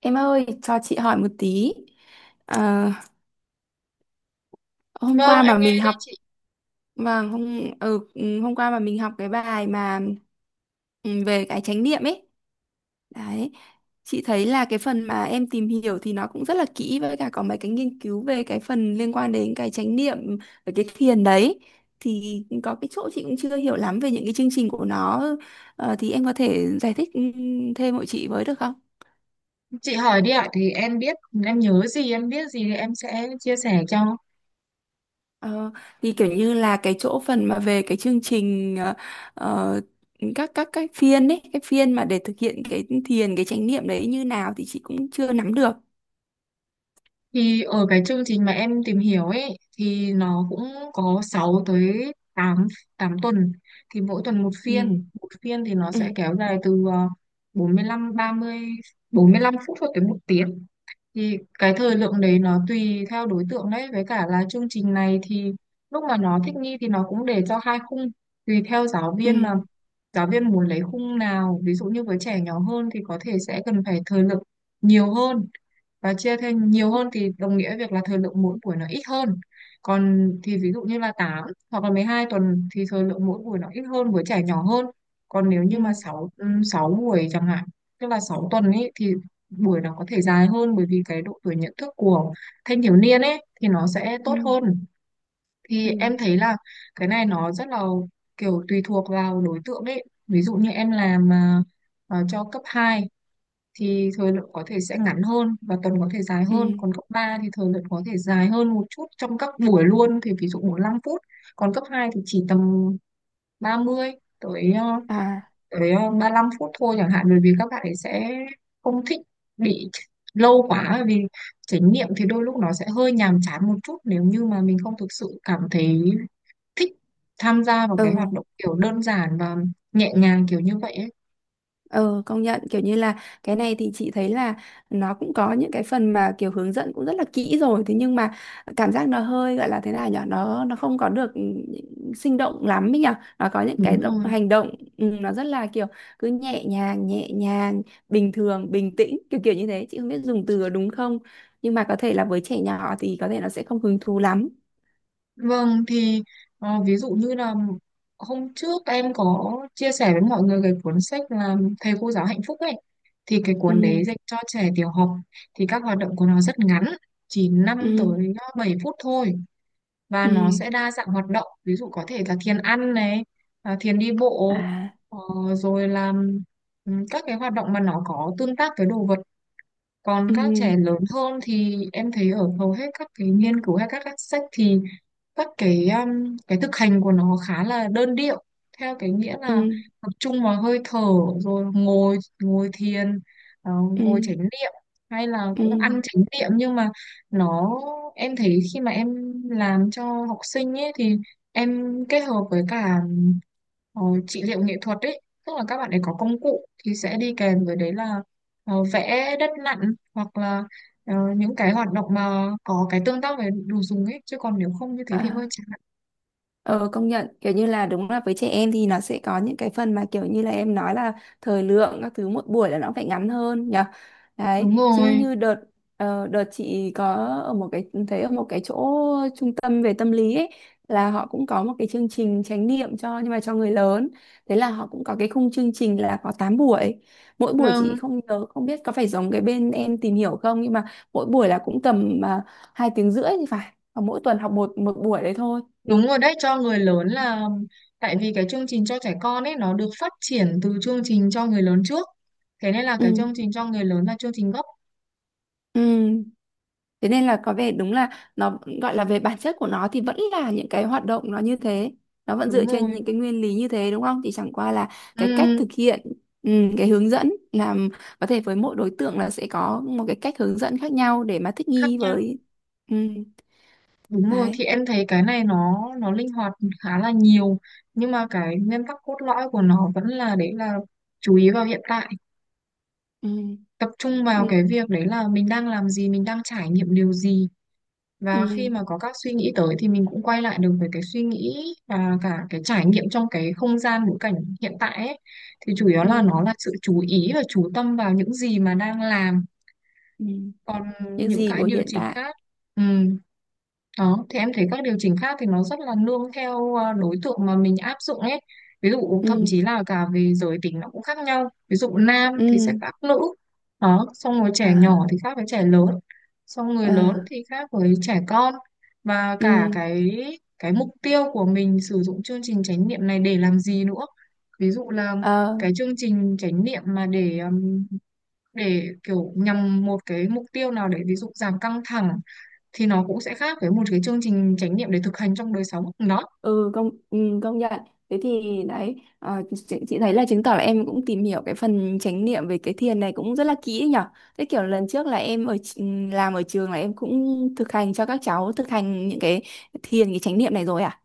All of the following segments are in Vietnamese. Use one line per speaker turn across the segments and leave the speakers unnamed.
Em ơi, cho chị hỏi một tí. À, hôm
Vâng,
qua
em
mà
nghe
mình
đây
học
chị.
và hôm ừ, ừ, hôm qua mà mình học cái bài mà ừ, về cái chánh niệm ấy. Đấy. Chị thấy là cái phần mà em tìm hiểu thì nó cũng rất là kỹ, với cả có mấy cái nghiên cứu về cái phần liên quan đến cái chánh niệm và cái thiền đấy. Thì có cái chỗ chị cũng chưa hiểu lắm về những cái chương trình của nó. Thì em có thể giải thích thêm hộ chị với được không?
Chị hỏi đi ạ, thì em biết, em nhớ gì, em biết gì thì em sẽ chia sẻ cho.
Ờ, thì kiểu như là cái chỗ phần mà về cái chương trình ờ, các phiên ấy, cái phiên mà để thực hiện cái thiền cái chánh niệm đấy như nào thì chị cũng chưa nắm được.
Thì ở cái chương trình mà em tìm hiểu ấy, thì nó cũng có 6 tới 8 8 tuần. Thì mỗi tuần
Ừ.
một phiên thì nó
Ừ.
sẽ kéo dài từ ờ, bốn mươi lăm ba mươi, 45 phút cho tới 1 tiếng. Thì cái thời lượng đấy nó tùy theo đối tượng đấy, với cả là chương trình này thì lúc mà nó thích nghi thì nó cũng để cho hai khung, tùy theo giáo viên
Ừ.
mà giáo viên muốn lấy khung nào. Ví dụ như với trẻ nhỏ hơn thì có thể sẽ cần phải thời lượng nhiều hơn và chia thêm nhiều hơn, thì đồng nghĩa việc là thời lượng mỗi buổi nó ít hơn. Còn thì ví dụ như là 8 hoặc là 12 tuần thì thời lượng mỗi buổi nó ít hơn với trẻ nhỏ hơn. Còn nếu như
Ừ.
mà 6 6 buổi chẳng hạn, tức là 6 tuần ấy, thì buổi nó có thể dài hơn bởi vì cái độ tuổi nhận thức của thanh thiếu niên ấy thì nó sẽ
Ừ.
tốt hơn.
Ừ.
Thì em thấy là cái này nó rất là kiểu tùy thuộc vào đối tượng ấy. Ví dụ như em làm cho cấp 2 thì thời lượng có thể sẽ ngắn hơn và tuần có thể dài
Ừ.
hơn, còn cấp 3 thì thời lượng có thể dài hơn một chút trong các buổi luôn, thì ví dụ 45 phút. Còn cấp 2 thì chỉ tầm 30 tới
À.
35 phút thôi chẳng hạn, bởi vì các bạn ấy sẽ không thích bị lâu quá, bởi vì trải nghiệm thì đôi lúc nó sẽ hơi nhàm chán một chút nếu như mà mình không thực sự cảm thấy thích tham gia vào cái hoạt
Ừ.
động kiểu đơn giản và nhẹ nhàng kiểu như vậy ấy.
Ừ, công nhận kiểu như là cái này thì chị thấy là nó cũng có những cái phần mà kiểu hướng dẫn cũng rất là kỹ rồi, thế nhưng mà cảm giác nó hơi gọi là thế nào nhở, nó không có được sinh động lắm ấy nhở, nó có những cái
Đúng
động
rồi.
hành động. Nó rất là kiểu cứ nhẹ nhàng nhẹ nhàng, bình thường bình tĩnh, kiểu kiểu như thế, chị không biết dùng từ có đúng không, nhưng mà có thể là với trẻ nhỏ thì có thể nó sẽ không hứng thú lắm.
Vâng thì ví dụ như là hôm trước em có chia sẻ với mọi người cái cuốn sách là Thầy cô giáo hạnh phúc ấy, thì cái
Ừ.
cuốn đấy dành cho trẻ tiểu học, thì các hoạt động của nó rất ngắn, chỉ năm
Ừ.
tới 7 phút thôi. Và
Ừ.
nó sẽ đa dạng hoạt động, ví dụ có thể là thiền ăn này, à, thiền đi bộ,
À.
ờ, rồi là các cái hoạt động mà nó có tương tác với đồ vật. Còn các
Ừ.
trẻ lớn hơn thì em thấy ở hầu hết các cái nghiên cứu hay các sách thì các cái thực hành của nó khá là đơn điệu, theo cái nghĩa
Ừ.
là tập trung vào hơi thở, rồi ngồi ngồi thiền, ờ,
Ừ.
ngồi chánh niệm, hay là
Ừ.
cũng ăn
Ừ.
chánh niệm. Nhưng mà nó, em thấy khi mà em làm cho học sinh ấy thì em kết hợp với cả ờ, trị liệu nghệ thuật ấy, tức là các bạn ấy có công cụ thì sẽ đi kèm với đấy là vẽ đất nặn, hoặc là những cái hoạt động mà có cái tương tác với đồ dùng ấy, chứ còn nếu không như thế thì hơi
À.
chán.
Ờ công nhận kiểu như là đúng là với trẻ em thì nó sẽ có những cái phần mà kiểu như là em nói là thời lượng các thứ một buổi là nó phải ngắn hơn nhỉ, đấy
Đúng
chứ
rồi.
như đợt chị có, ở một cái thấy ở một cái chỗ trung tâm về tâm lý ấy, là họ cũng có một cái chương trình chánh niệm cho, nhưng mà cho người lớn. Thế là họ cũng có cái khung chương trình là có 8 buổi, mỗi buổi chị
Vâng,
không nhớ, không biết có phải giống cái bên em tìm hiểu không, nhưng mà mỗi buổi là cũng tầm 2 tiếng rưỡi thì phải, và mỗi tuần học một một buổi đấy thôi.
đúng rồi đấy, cho người lớn là, tại vì cái chương trình cho trẻ con ấy nó được phát triển từ chương trình cho người lớn trước, thế nên là
Ừ.
cái chương trình cho người lớn là chương trình gốc.
Ừ. Thế nên là có vẻ đúng là nó gọi là về bản chất của nó thì vẫn là những cái hoạt động nó như thế. Nó vẫn
Đúng
dựa trên
rồi.
những cái nguyên lý như thế đúng không? Thì chẳng qua là cái cách
Ừ,
thực hiện, ừ, cái hướng dẫn làm có thể với mỗi đối tượng là sẽ có một cái cách hướng dẫn khác nhau để mà thích
khác
nghi
nhau.
với ừ.
Đúng rồi,
Đấy.
thì em thấy cái này nó linh hoạt khá là nhiều, nhưng mà cái nguyên tắc cốt lõi của nó vẫn là, đấy là chú ý vào hiện tại,
Ừ.
tập trung vào cái
Ừ.
việc đấy là mình đang làm gì, mình đang trải nghiệm điều gì. Và
Ừ.
khi mà có các suy nghĩ tới thì mình cũng quay lại được với cái suy nghĩ và cả cái trải nghiệm trong cái không gian ngữ cảnh hiện tại ấy. Thì chủ yếu là nó
Ừ.
là sự chú ý và chú tâm vào những gì mà đang làm,
Ừ.
còn
Những
những
gì của
cái điều
hiện
chỉnh
tại.
khác. Ừ. Đó, thì em thấy các điều chỉnh khác thì nó rất là nương theo đối tượng mà mình áp dụng ấy. Ví dụ
Ừ.
thậm chí là cả về giới tính nó cũng khác nhau. Ví dụ nam thì sẽ
Ừ.
khác nữ. Đó, xong rồi trẻ
À.
nhỏ thì khác với trẻ lớn. Xong người lớn
À.
thì khác với trẻ con. Và cả
Ừ.
cái mục tiêu của mình sử dụng chương trình chánh niệm này để làm gì nữa. Ví dụ là
Ờ.
cái chương trình chánh niệm mà để kiểu nhằm một cái mục tiêu nào, để ví dụ giảm căng thẳng, thì nó cũng sẽ khác với một cái chương trình chánh niệm để thực hành trong đời sống đó.
Công nhận, thế thì đấy, chị thấy là chứng tỏ là em cũng tìm hiểu cái phần chánh niệm về cái thiền này cũng rất là kỹ nhở. Thế kiểu lần trước là em làm ở trường, là em cũng thực hành cho các cháu thực hành những cái thiền cái chánh niệm này rồi à.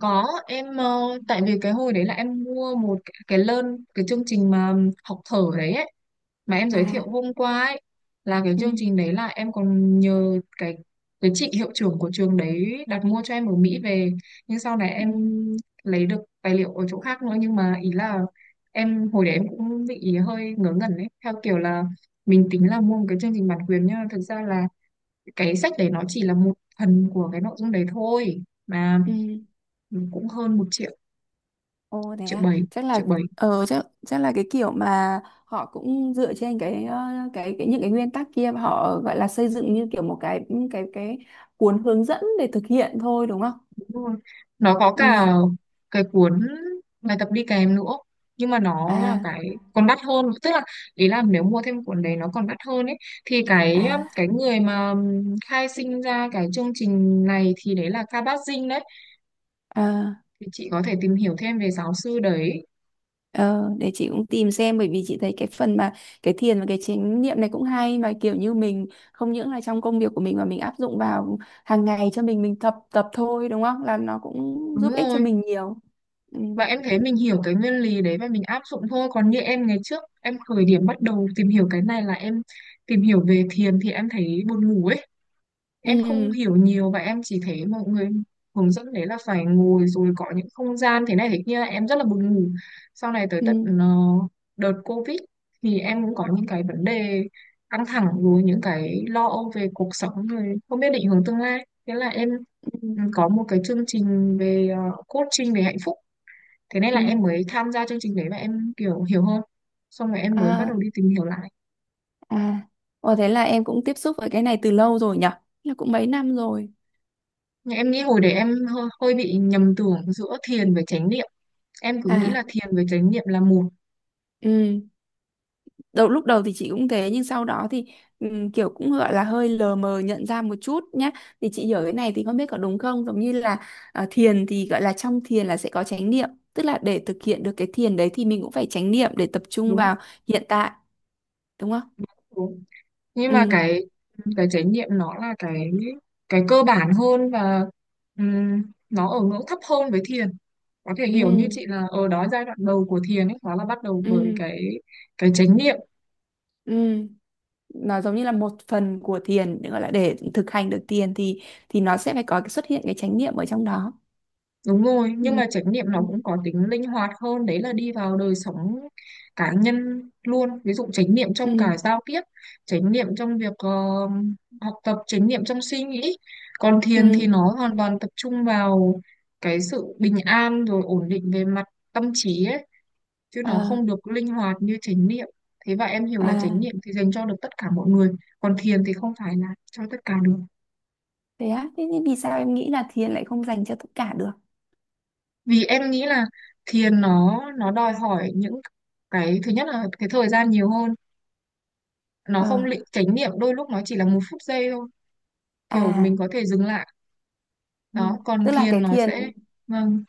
Có, em tại vì cái hồi đấy là em mua cái learn, cái chương trình mà học thở đấy ấy, mà em giới thiệu
À.
hôm qua ấy. Là cái
Ừ.
chương trình đấy là em còn nhờ cái chị hiệu trưởng của trường đấy đặt mua cho em ở Mỹ về. Nhưng sau này
Ừ.
em lấy được tài liệu ở chỗ khác nữa, nhưng mà ý là em hồi đấy em cũng bị hơi ngớ ngẩn ấy, theo kiểu là mình tính là mua một cái chương trình bản quyền, nhưng mà thực ra là cái sách đấy nó chỉ là một phần của cái nội dung đấy thôi, mà
Ừ.
cũng hơn 1 triệu,
Ồ thế
triệu
à,
bảy triệu bảy.
chắc chắc là cái kiểu mà họ cũng dựa trên cái ờ, cái những cái nguyên tắc kia, mà họ gọi là xây dựng như kiểu một cái cuốn hướng dẫn để thực hiện thôi đúng không.
Đúng rồi. Nó có cả
Ừ.
cuốn bài tập đi kèm nữa, nhưng mà nó là
À.
cái còn đắt hơn, tức là ý là nếu mua thêm cuốn đấy nó còn đắt hơn ấy. Thì
À.
cái người mà khai sinh ra cái chương trình này thì đấy là Ka Bát Dinh đấy,
Ờ.
thì chị có thể tìm hiểu thêm về giáo sư đấy.
ờ để chị cũng tìm xem, bởi vì chị thấy cái phần mà cái thiền và cái chánh niệm này cũng hay, mà kiểu như mình không những là trong công việc của mình mà mình áp dụng vào hàng ngày cho mình tập tập thôi đúng không, là nó cũng
Đúng
giúp ích cho
rồi,
mình nhiều. Ừ.
và em thấy mình hiểu cái nguyên lý đấy và mình áp dụng thôi. Còn như em ngày trước em khởi điểm bắt đầu tìm hiểu cái này là em tìm hiểu về thiền, thì em thấy buồn ngủ ấy, em không
Ừ.
hiểu nhiều và em chỉ thấy mọi người hướng dẫn đấy là phải ngồi rồi có những không gian thế này thế kia, em rất là buồn ngủ. Sau này tới tận
Ừ.
đợt Covid thì em cũng có những cái vấn đề căng thẳng rồi những cái lo âu về cuộc sống rồi không biết định hướng tương lai, thế là em
Ừ.
có một cái chương trình về coaching về hạnh phúc, thế nên
Ừ.
là em mới tham gia chương trình đấy và em kiểu hiểu hơn. Xong rồi em mới bắt đầu
À.
đi tìm hiểu lại.
À. Ồ thế là em cũng tiếp xúc với cái này từ lâu rồi nhở, là cũng mấy năm rồi.
Nhưng em nghĩ hồi đấy em hơi bị nhầm tưởng giữa thiền với chánh niệm, em cứ nghĩ là
À.
thiền với chánh niệm là một.
Ừ. Lúc đầu thì chị cũng thế, nhưng sau đó thì kiểu cũng gọi là hơi lờ mờ nhận ra một chút nhá. Thì chị hiểu cái này thì không biết có đúng không, giống như là à, thiền thì gọi là trong thiền là sẽ có chánh niệm, tức là để thực hiện được cái thiền đấy thì mình cũng phải chánh niệm để tập trung
Đúng.
vào hiện tại đúng không.
Đúng. Nhưng
Ừ.
mà cái chánh niệm nó là cái cơ bản hơn, và nó ở ngưỡng thấp hơn với thiền. Có thể
Ừ.
hiểu như chị là ở đó giai đoạn đầu của thiền ấy, nó là bắt đầu với
Ừ.
cái chánh niệm.
Ừ. Nó giống như là một phần của thiền, gọi là để thực hành được thiền thì nó sẽ phải có cái xuất hiện cái chánh niệm ở trong đó.
Đúng rồi,
Ừ.
nhưng mà chánh niệm
Ừ.
nó cũng có tính linh hoạt hơn, đấy là đi vào đời sống cá nhân luôn. Ví dụ chánh niệm
Ừ.
trong cả giao tiếp, chánh niệm trong việc học tập, chánh niệm trong suy nghĩ. Còn thiền thì
Ừ.
nó hoàn toàn tập trung vào cái sự bình an rồi ổn định về mặt tâm trí ấy, chứ nó
Ờ.
không được linh hoạt như chánh niệm. Thế và em hiểu là chánh
À.
niệm thì dành cho được tất cả mọi người, còn thiền thì không phải là cho tất cả được.
Thế á, thế thì vì sao em nghĩ là thiền lại không dành cho tất cả được?
Vì em nghĩ là thiền nó đòi hỏi những cái, thứ nhất là cái thời gian nhiều hơn. Nó
Ờ.
không lị chánh niệm đôi lúc nó chỉ là một phút giây thôi, kiểu mình
À.
có thể dừng lại.
Ừ.
Đó còn
Tức là
thiền
cái
nó
thiền,
sẽ. Vâng.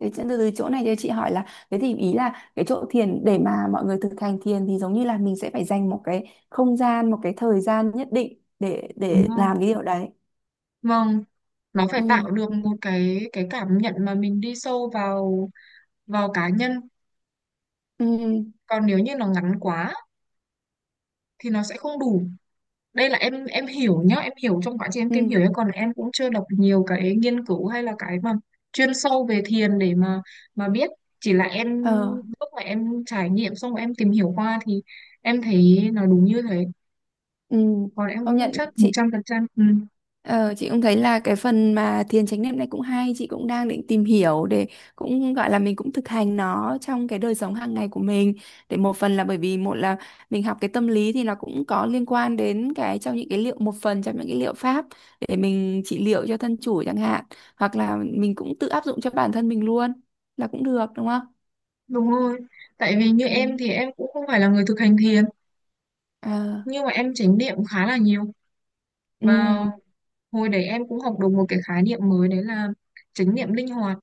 thế chứ từ từ chỗ này cho chị hỏi là, thế thì ý là cái chỗ thiền để mà mọi người thực hành thiền thì giống như là mình sẽ phải dành một cái không gian, một cái thời gian nhất định để
Đúng
để
rồi.
làm cái điều đấy.
Vâng. Nó phải
Ừ.
tạo được một cái cảm nhận mà mình đi sâu vào vào cá nhân.
Ừ.
Còn nếu như nó ngắn quá thì nó sẽ không đủ. Đây là em hiểu nhá, em hiểu trong quá trình em tìm
Ừ.
hiểu nhá. Còn em cũng chưa đọc nhiều cái nghiên cứu hay là cái mà chuyên sâu về thiền để mà biết, chỉ là em
Ờ.
lúc mà em trải nghiệm xong rồi em tìm hiểu qua thì em thấy nó đúng như thế.
Ừ.
Còn em cũng
Công
không
nhận
chắc một
chị.
trăm phần trăm
Ờ, chị cũng thấy là cái phần mà thiền chánh niệm này cũng hay, chị cũng đang định tìm hiểu, để cũng gọi là mình cũng thực hành nó trong cái đời sống hàng ngày của mình, để một phần là bởi vì một là mình học cái tâm lý thì nó cũng có liên quan đến cái trong những cái liệu một phần trong những cái liệu pháp để mình trị liệu cho thân chủ chẳng hạn, hoặc là mình cũng tự áp dụng cho bản thân mình luôn là cũng được đúng không?
đúng rồi. Tại vì như
Ừ.
em thì em cũng không phải là người thực hành thiền,
Ờ.
nhưng mà em chánh niệm khá là nhiều.
Ừ.
Và hồi đấy em cũng học được một cái khái niệm mới đấy là chánh niệm linh hoạt.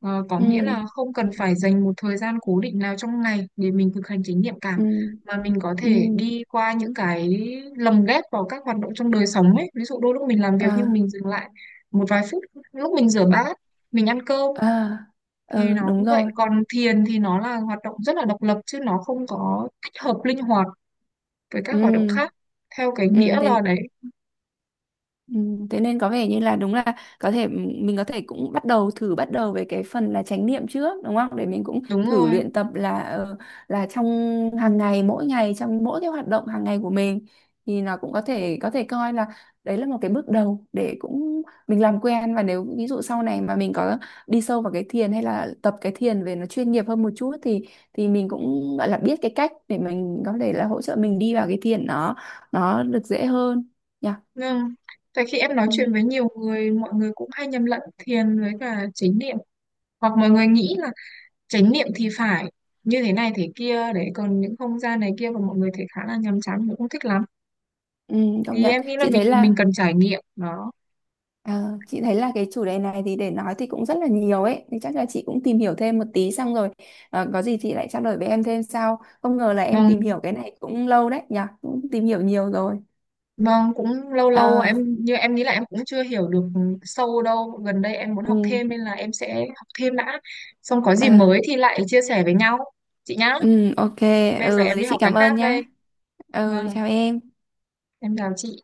Có
Ừ.
nghĩa là không cần phải dành một thời gian cố định nào trong ngày để mình thực hành chánh niệm cả,
Ừ.
mà mình có
Ừ.
thể đi qua những cái, lồng ghép vào các hoạt động trong đời sống ấy. Ví dụ đôi lúc mình làm việc
Ờ.
nhưng mình dừng lại một vài phút, lúc mình rửa bát, mình ăn cơm
Ờ.
thì
Ờ,
nó cũng
đúng
vậy.
rồi.
Còn thiền thì nó là hoạt động rất là độc lập chứ nó không có tích hợp linh hoạt với các hoạt động
Ừ.
khác theo cái
Ừ,
nghĩa
thế
là đấy.
Ừ, thế nên có vẻ như là đúng là có thể mình có thể cũng bắt đầu thử bắt đầu với cái phần là chánh niệm trước đúng không, để mình cũng
Đúng
thử
rồi.
luyện tập là là trong hàng ngày, mỗi ngày trong mỗi cái hoạt động hàng ngày của mình, thì nó cũng có thể coi là đấy là một cái bước đầu để cũng mình làm quen, và nếu ví dụ sau này mà mình có đi sâu vào cái thiền hay là tập cái thiền về nó chuyên nghiệp hơn một chút, thì mình cũng gọi là biết cái cách để mình có thể là hỗ trợ mình đi vào cái thiền nó được dễ hơn nhỉ.
Vâng, tại khi em nói
Ừ.
chuyện với nhiều người, mọi người cũng hay nhầm lẫn thiền với cả chánh niệm. Hoặc mọi người nghĩ là chánh niệm thì phải như thế này thế kia đấy, còn những không gian này kia của mọi người thì khá là nhàm chán, mình không thích lắm.
Ừ, công
Thì
nhận
em nghĩ là mình cần trải nghiệm đó.
chị thấy là cái chủ đề này thì để nói thì cũng rất là nhiều ấy, thì chắc là chị cũng tìm hiểu thêm một tí xong rồi, có gì chị lại trao đổi với em thêm sau, không ngờ là em tìm
Vâng,
hiểu cái này cũng lâu đấy nhỉ, cũng tìm hiểu nhiều rồi.
vâng cũng lâu lâu
Ờ.
em, như em nghĩ là em cũng chưa hiểu được sâu đâu. Gần đây em muốn
Ừ.
học thêm nên là em sẽ học thêm đã. Xong có
Ờ.
gì mới thì lại chia sẻ với nhau. Chị nhá,
Ừ, ok.
bây giờ
Ừ,
em
thế
đi
chị
học cái
cảm ơn
khác đây.
nhá. Ừ,
Vâng,
chào em.
em chào chị.